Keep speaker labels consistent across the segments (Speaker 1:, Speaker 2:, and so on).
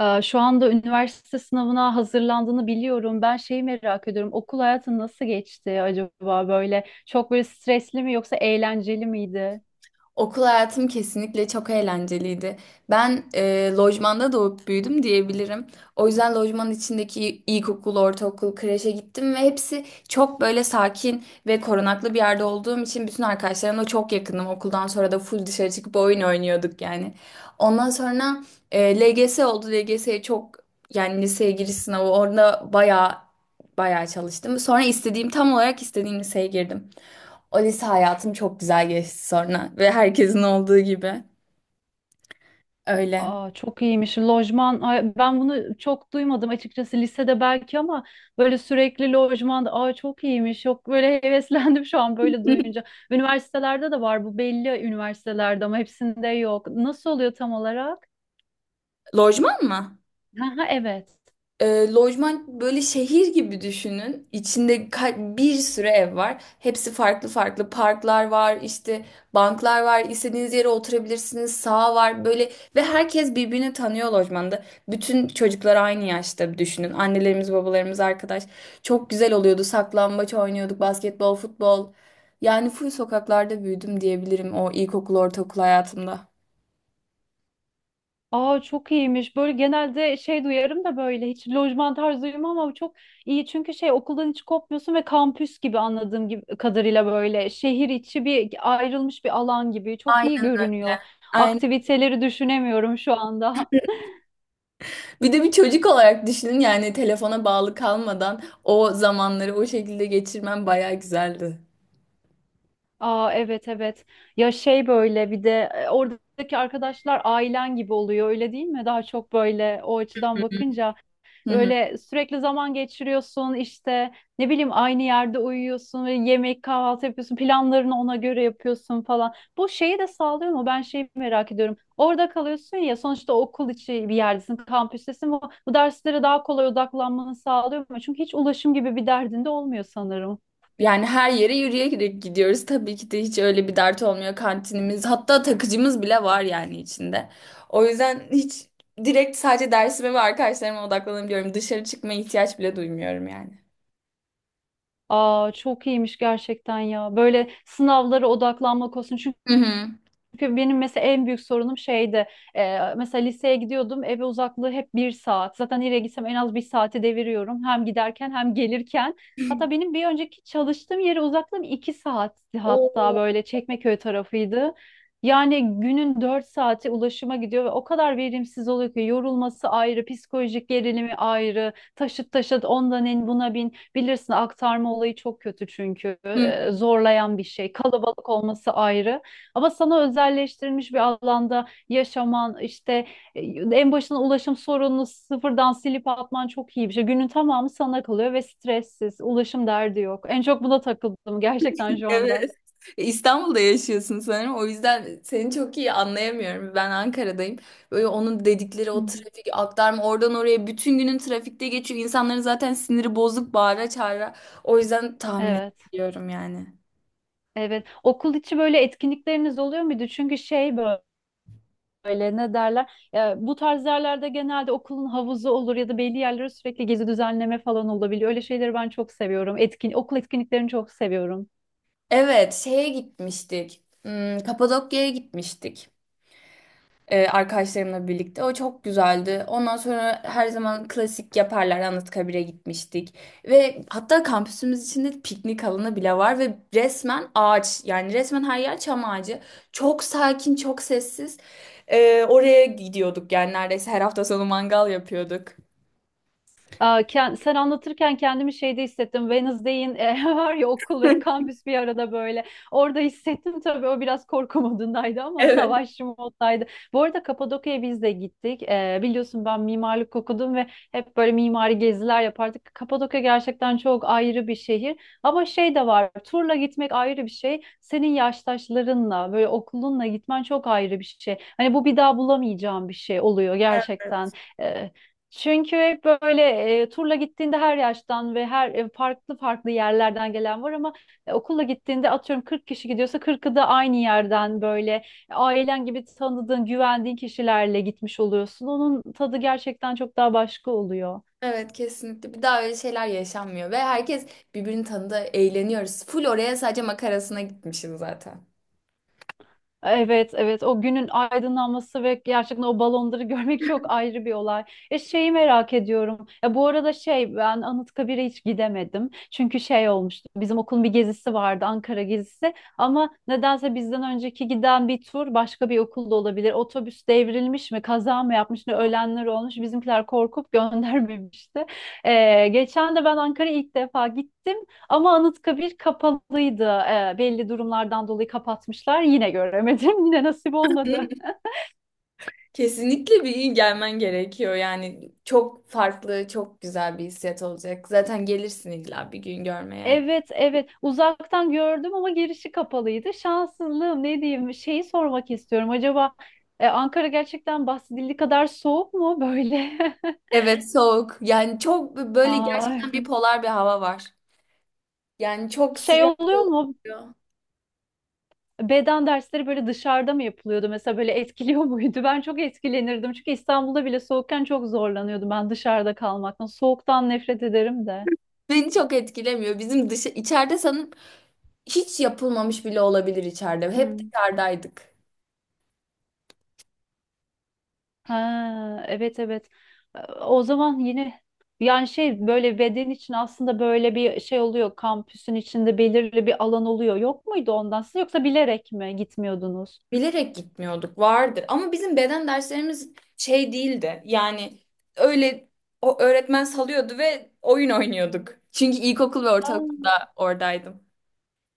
Speaker 1: Şu anda üniversite sınavına hazırlandığını biliyorum. Ben şeyi merak ediyorum. Okul hayatın nasıl geçti acaba böyle? Çok böyle stresli mi yoksa eğlenceli miydi?
Speaker 2: Okul hayatım kesinlikle çok eğlenceliydi. Ben lojmanda doğup büyüdüm diyebilirim. O yüzden lojmanın içindeki ilkokul, ortaokul, kreşe gittim ve hepsi çok böyle sakin ve korunaklı bir yerde olduğum için bütün arkadaşlarımla çok yakındım. Okuldan sonra da full dışarı çıkıp oyun oynuyorduk yani. Ondan sonra LGS oldu. LGS'ye çok, yani liseye giriş sınavı orada bayağı bayağı çalıştım. Sonra istediğim, tam olarak istediğim liseye girdim. O lise hayatım çok güzel geçti sonra, ve herkesin olduğu gibi. Öyle.
Speaker 1: Aa, çok iyiymiş. Lojman, ay, ben bunu çok duymadım açıkçası lisede belki ama böyle sürekli lojmanda, aa, çok iyiymiş. Çok böyle heveslendim şu an böyle duyunca. Üniversitelerde de var bu belli üniversitelerde ama hepsinde yok. Nasıl oluyor tam olarak?
Speaker 2: Lojman mı?
Speaker 1: Ha, evet.
Speaker 2: Lojman böyle şehir gibi düşünün. İçinde bir sürü ev var. Hepsi farklı farklı. Parklar var, işte banklar var. İstediğiniz yere oturabilirsiniz. Sağ var böyle, ve herkes birbirini tanıyor lojmanda. Bütün çocuklar aynı yaşta düşünün. Annelerimiz, babalarımız, arkadaş. Çok güzel oluyordu. Saklambaç oynuyorduk, basketbol, futbol. Yani full sokaklarda büyüdüm diyebilirim, o ilkokul, ortaokul hayatımda.
Speaker 1: Aa, çok iyiymiş. Böyle genelde şey duyarım da böyle hiç lojman tarzı duymuyorum ama bu çok iyi. Çünkü şey okuldan hiç kopmuyorsun ve kampüs gibi anladığım gibi, kadarıyla böyle şehir içi bir ayrılmış bir alan gibi. Çok iyi
Speaker 2: Aynen.
Speaker 1: görünüyor.
Speaker 2: Aynen.
Speaker 1: Aktiviteleri düşünemiyorum şu anda.
Speaker 2: Bir de bir çocuk olarak düşünün, yani telefona bağlı kalmadan o zamanları o şekilde geçirmem bayağı güzeldi.
Speaker 1: Aa, evet evet. Ya şey böyle bir de oradaki arkadaşlar ailen gibi oluyor öyle değil mi? Daha çok böyle o açıdan bakınca.
Speaker 2: Hı hı.
Speaker 1: Öyle sürekli zaman geçiriyorsun işte ne bileyim aynı yerde uyuyorsun ve yemek kahvaltı yapıyorsun planlarını ona göre yapıyorsun falan. Bu şeyi de sağlıyor mu? Ben şeyi merak ediyorum. Orada kalıyorsun ya sonuçta okul içi bir yerdesin, kampüstesin. Bu derslere daha kolay odaklanmanı sağlıyor mu? Çünkü hiç ulaşım gibi bir derdin de olmuyor sanırım.
Speaker 2: Yani her yere yürüyerek gidiyoruz. Tabii ki de hiç öyle bir dert olmuyor. Kantinimiz, hatta takıcımız bile var yani içinde. O yüzden hiç, direkt sadece dersime ve arkadaşlarıma odaklanabiliyorum. Dışarı çıkmaya ihtiyaç bile duymuyorum yani.
Speaker 1: Aa, çok iyiymiş gerçekten ya. Böyle sınavlara odaklanmak olsun.
Speaker 2: Hı hı.
Speaker 1: Çünkü benim mesela en büyük sorunum şeydi. Mesela liseye gidiyordum. Eve uzaklığı hep bir saat. Zaten nereye gitsem en az bir saati deviriyorum. Hem giderken hem gelirken. Hatta benim bir önceki çalıştığım yere uzaklığım 2 saatti, hatta
Speaker 2: Oo.
Speaker 1: böyle Çekmeköy tarafıydı. Yani günün 4 saati ulaşıma gidiyor ve o kadar verimsiz oluyor ki yorulması ayrı, psikolojik gerilimi ayrı, taşıt taşıt ondan en buna bin. Bilirsin aktarma olayı çok kötü çünkü
Speaker 2: Hı.
Speaker 1: zorlayan bir şey. Kalabalık olması ayrı. Ama sana özelleştirilmiş bir alanda yaşaman, işte e, en başına ulaşım sorununu sıfırdan silip atman çok iyi bir şey. Günün tamamı sana kalıyor ve stressiz, ulaşım derdi yok. En çok buna takıldım gerçekten şu anda.
Speaker 2: Evet. E, İstanbul'da yaşıyorsun sanırım. O yüzden seni çok iyi anlayamıyorum. Ben Ankara'dayım. Böyle onun dedikleri,
Speaker 1: Hı
Speaker 2: o
Speaker 1: hı.
Speaker 2: trafik, aktarma, oradan oraya bütün günün trafikte geçiyor. İnsanların zaten siniri bozuk, bağıra çağıra. O yüzden tahmin
Speaker 1: Evet,
Speaker 2: ediyorum yani.
Speaker 1: evet. Okul içi böyle etkinlikleriniz oluyor muydu? Çünkü şey böyle ne derler? Ya, bu tarz yerlerde genelde okulun havuzu olur ya da belli yerlere sürekli gezi düzenleme falan olabiliyor. Öyle şeyleri ben çok seviyorum. Okul etkinliklerini çok seviyorum.
Speaker 2: Evet, şeye gitmiştik. Kapadokya'ya gitmiştik. Arkadaşlarımla birlikte. O çok güzeldi. Ondan sonra her zaman klasik yaparlar. Anıtkabir'e gitmiştik. Ve hatta kampüsümüz içinde piknik alanı bile var, ve resmen ağaç. Yani resmen her yer çam ağacı. Çok sakin, çok sessiz. Oraya gidiyorduk, yani neredeyse her hafta sonu mangal yapıyorduk.
Speaker 1: Aa, sen anlatırken kendimi şeyde hissettim. Wednesday'in var ya okul ve kampüs bir arada böyle. Orada hissettim tabii o biraz korku modundaydı ama
Speaker 2: Evet.
Speaker 1: savaşçı moddaydı. Bu arada Kapadokya'ya biz de gittik. Biliyorsun ben mimarlık okudum ve hep böyle mimari geziler yapardık. Kapadokya gerçekten çok ayrı bir şehir. Ama şey de var. Turla gitmek ayrı bir şey. Senin yaştaşlarınla böyle okulunla gitmen çok ayrı bir şey. Hani bu bir daha bulamayacağım bir şey oluyor gerçekten. E, çünkü hep böyle turla gittiğinde her yaştan ve her farklı farklı yerlerden gelen var ama okulla gittiğinde atıyorum 40 kişi gidiyorsa 40'ı da aynı yerden böyle ailen gibi tanıdığın, güvendiğin kişilerle gitmiş oluyorsun. Onun tadı gerçekten çok daha başka oluyor.
Speaker 2: Evet, kesinlikle. Bir daha öyle şeyler yaşanmıyor ve herkes birbirini tanıdı, eğleniyoruz. Full oraya sadece makarasına gitmişiz zaten.
Speaker 1: Evet, evet. O günün aydınlanması ve gerçekten o balonları görmek çok ayrı bir olay. Şeyi merak ediyorum. Ya bu arada şey ben Anıtkabir'e hiç gidemedim. Çünkü şey olmuştu. Bizim okulun bir gezisi vardı, Ankara gezisi. Ama nedense bizden önceki giden bir tur başka bir okulda olabilir. Otobüs devrilmiş mi, kaza mı yapmış ne ölenler olmuş. Bizimkiler korkup göndermemişti. Geçen de ben Ankara'ya ilk defa gittim. Ama Anıtkabir kapalıydı. Belli durumlardan dolayı kapatmışlar. Yine göremedim. Yine nasip olmadı.
Speaker 2: Kesinlikle bir gün gelmen gerekiyor. Yani çok farklı, çok güzel bir hissiyat olacak. Zaten gelirsin illa bir gün görmeye.
Speaker 1: Evet, evet. Uzaktan gördüm ama girişi kapalıydı. Şanssızlığım ne diyeyim? Şeyi sormak istiyorum. Acaba Ankara gerçekten bahsedildiği kadar soğuk mu böyle?
Speaker 2: Evet, soğuk. Yani çok böyle gerçekten
Speaker 1: Aa,
Speaker 2: bir polar bir hava var. Yani çok
Speaker 1: şey
Speaker 2: sıcak
Speaker 1: oluyor mu?
Speaker 2: oluyor.
Speaker 1: Beden dersleri böyle dışarıda mı yapılıyordu? Mesela böyle etkiliyor muydu? Ben çok etkilenirdim. Çünkü İstanbul'da bile soğukken çok zorlanıyordum ben dışarıda kalmaktan. Soğuktan nefret ederim de.
Speaker 2: Beni çok etkilemiyor. Bizim dışı içeride sanırım hiç yapılmamış bile olabilir içeride. Hep
Speaker 1: Hmm.
Speaker 2: dışarıdaydık.
Speaker 1: Ha, evet evet. O zaman yine yani şey böyle beden için aslında böyle bir şey oluyor. Kampüsün içinde belirli bir alan oluyor. Yok muydu ondan siz yoksa bilerek mi gitmiyordunuz?
Speaker 2: Bilerek gitmiyorduk, vardır ama bizim beden derslerimiz şey değildi yani. Öyle, o öğretmen salıyordu ve oyun oynuyorduk. Çünkü ilkokul ve
Speaker 1: Ha.
Speaker 2: ortaokulda oradaydım.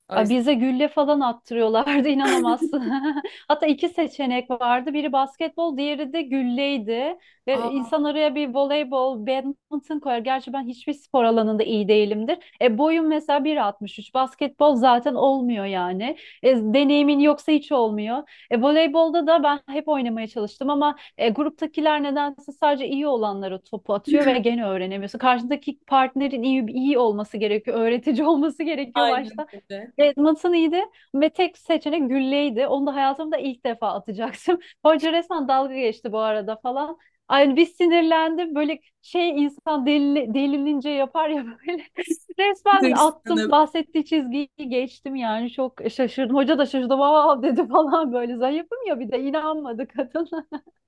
Speaker 2: O
Speaker 1: Ay,
Speaker 2: yüzden.
Speaker 1: bize gülle falan attırıyorlardı inanamazsın. Hatta iki seçenek vardı. Biri basketbol, diğeri de gülleydi. Ve
Speaker 2: Aa,
Speaker 1: insan araya bir voleybol, badminton koyar. Gerçi ben hiçbir spor alanında iyi değilimdir. Boyum mesela 1,63. Basketbol zaten olmuyor yani. Deneyimin yoksa hiç olmuyor. Voleybolda da ben hep oynamaya çalıştım ama gruptakiler nedense sadece iyi olanlara topu atıyor ve gene öğrenemiyorsun. Karşındaki partnerin iyi iyi olması gerekiyor, öğretici olması gerekiyor
Speaker 2: aynen
Speaker 1: başta.
Speaker 2: öyle.
Speaker 1: Evet, matın iyiydi ve tek seçenek gülleydi. Onu da hayatımda ilk defa atacaktım. Hoca resmen dalga geçti bu arada falan. Aynı bir sinirlendim. Böyle şey insan deli, delilince yapar ya böyle. Resmen attım.
Speaker 2: Hırslanıp
Speaker 1: Bahsettiği çizgiyi geçtim yani. Çok şaşırdım. Hoca da şaşırdı. Vav dedi falan böyle. Zayıfım ya bir de inanmadı kadın.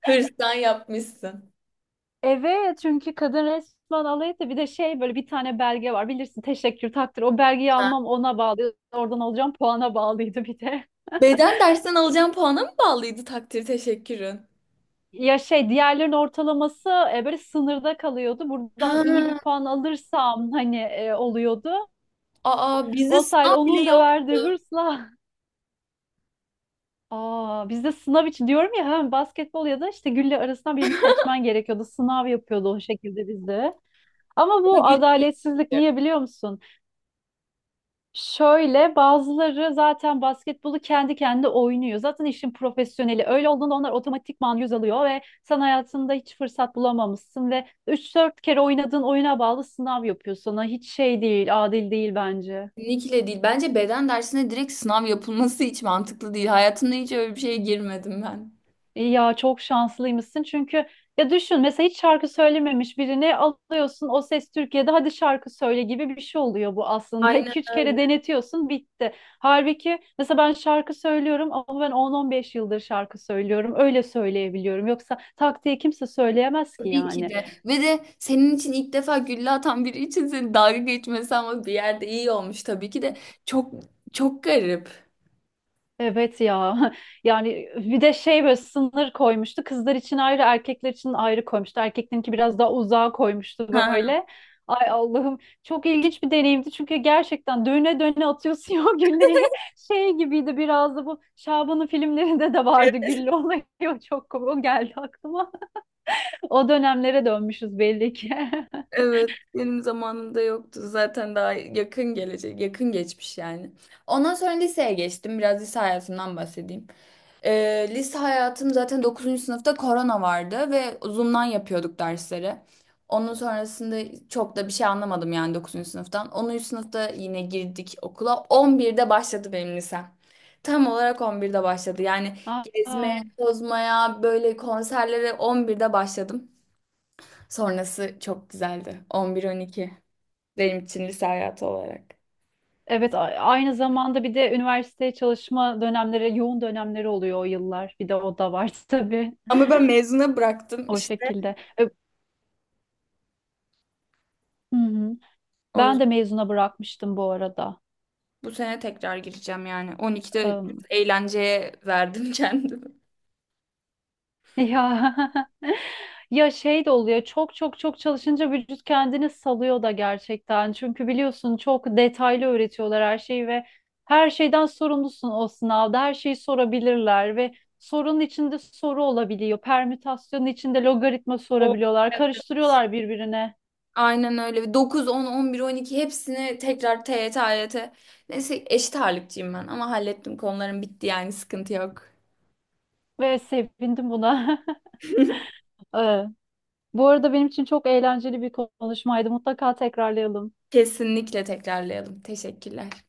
Speaker 2: hırslan yapmışsın.
Speaker 1: Evet çünkü kadın resmen alay etti. Bir de şey böyle bir tane belge var. Bilirsin teşekkür takdir. O belgeyi
Speaker 2: Ha.
Speaker 1: almam ona bağlı. Oradan alacağım puana bağlıydı bir de.
Speaker 2: Beden dersten alacağım puana mı bağlıydı takdir teşekkürün?
Speaker 1: Ya şey diğerlerin ortalaması böyle sınırda kalıyordu. Buradan iyi bir
Speaker 2: Ha.
Speaker 1: puan alırsam hani oluyordu.
Speaker 2: Aa, bizde
Speaker 1: O sayede
Speaker 2: sınav bile
Speaker 1: onun da verdiği
Speaker 2: yoktu.
Speaker 1: hırsla. Aa, bizde sınav için diyorum ya hem basketbol ya da işte gülle arasından birini seçmen gerekiyordu. Sınav yapıyordu o şekilde bizde. Ama
Speaker 2: Ama
Speaker 1: bu
Speaker 2: gülüyor.
Speaker 1: adaletsizlik niye biliyor musun? Şöyle bazıları zaten basketbolu kendi kendine oynuyor. Zaten işin profesyoneli. Öyle olduğunda onlar otomatikman yüz alıyor ve sen hayatında hiç fırsat bulamamışsın ve üç dört kere oynadığın oyuna bağlı sınav yapıyor sana. Hiç şey değil, adil değil bence.
Speaker 2: Kesinlikle değil. Bence beden dersine direkt sınav yapılması hiç mantıklı değil. Hayatımda hiç öyle bir şeye girmedim ben.
Speaker 1: İyi ya çok şanslıymışsın çünkü ya düşün mesela hiç şarkı söylememiş birini alıyorsun o ses Türkiye'de hadi şarkı söyle gibi bir şey oluyor bu aslında.
Speaker 2: Aynen
Speaker 1: 2-3 kere
Speaker 2: öyle.
Speaker 1: denetiyorsun bitti. Halbuki mesela ben şarkı söylüyorum ama ben 10-15 yıldır şarkı söylüyorum öyle söyleyebiliyorum yoksa tak diye kimse söyleyemez ki
Speaker 2: Tabii ki
Speaker 1: yani.
Speaker 2: de. Ve de senin için ilk defa gülle atan biri için seni dalga geçmesi, ama bir yerde iyi olmuş tabii ki de. Çok çok garip.
Speaker 1: Evet ya. Yani bir de şey böyle sınır koymuştu. Kızlar için ayrı, erkekler için ayrı koymuştu. Erkeklerinki biraz daha uzağa koymuştu
Speaker 2: Ha,
Speaker 1: böyle. Ay Allah'ım çok ilginç bir deneyimdi çünkü gerçekten döne döne atıyorsun o gülleyi. Şey gibiydi biraz da bu Şaban'ın filmlerinde de vardı gülle olayı. O çok komik. O geldi aklıma. O dönemlere dönmüşüz belli ki.
Speaker 2: evet. Benim zamanımda yoktu. Zaten daha yakın gelecek, yakın geçmiş yani. Ondan sonra liseye geçtim. Biraz lise hayatımdan bahsedeyim. Lise hayatım zaten dokuzuncu sınıfta korona vardı ve Zoom'dan yapıyorduk dersleri. Onun sonrasında çok da bir şey anlamadım yani dokuzuncu sınıftan. 10. sınıfta yine girdik okula. 11'de başladı benim lisem. Tam olarak 11'de başladı. Yani gezmeye,
Speaker 1: Aa,
Speaker 2: tozmaya, böyle konserlere 11'de başladım. Sonrası çok güzeldi. 11, 12 benim için lise hayatı olarak.
Speaker 1: evet aynı zamanda bir de üniversiteye çalışma dönemleri, yoğun dönemleri oluyor o yıllar. Bir de o da var tabii.
Speaker 2: Ama ben mezuna bıraktım
Speaker 1: O
Speaker 2: işte.
Speaker 1: şekilde. Hı hı.
Speaker 2: O
Speaker 1: Ben de mezuna bırakmıştım bu arada.
Speaker 2: Bu sene tekrar gireceğim yani. 12'de biraz
Speaker 1: Em,
Speaker 2: eğlenceye verdim kendimi.
Speaker 1: ya ya şey de oluyor. Çok çok çok çalışınca vücut kendini salıyor da gerçekten. Çünkü biliyorsun çok detaylı öğretiyorlar her şeyi ve her şeyden sorumlusun o sınavda. Her şeyi sorabilirler ve sorunun içinde soru olabiliyor. Permütasyonun içinde logaritma
Speaker 2: O
Speaker 1: sorabiliyorlar. Karıştırıyorlar birbirine.
Speaker 2: Aynen öyle. 9, 10, 11, 12 hepsini tekrar, TYT, AYT. Neyse, eşit ağırlıkçıyım ben, ama hallettim. Konularım bitti yani, sıkıntı yok.
Speaker 1: Ve sevindim buna. Bu arada benim için çok eğlenceli bir konuşmaydı. Mutlaka tekrarlayalım.
Speaker 2: Kesinlikle tekrarlayalım. Teşekkürler.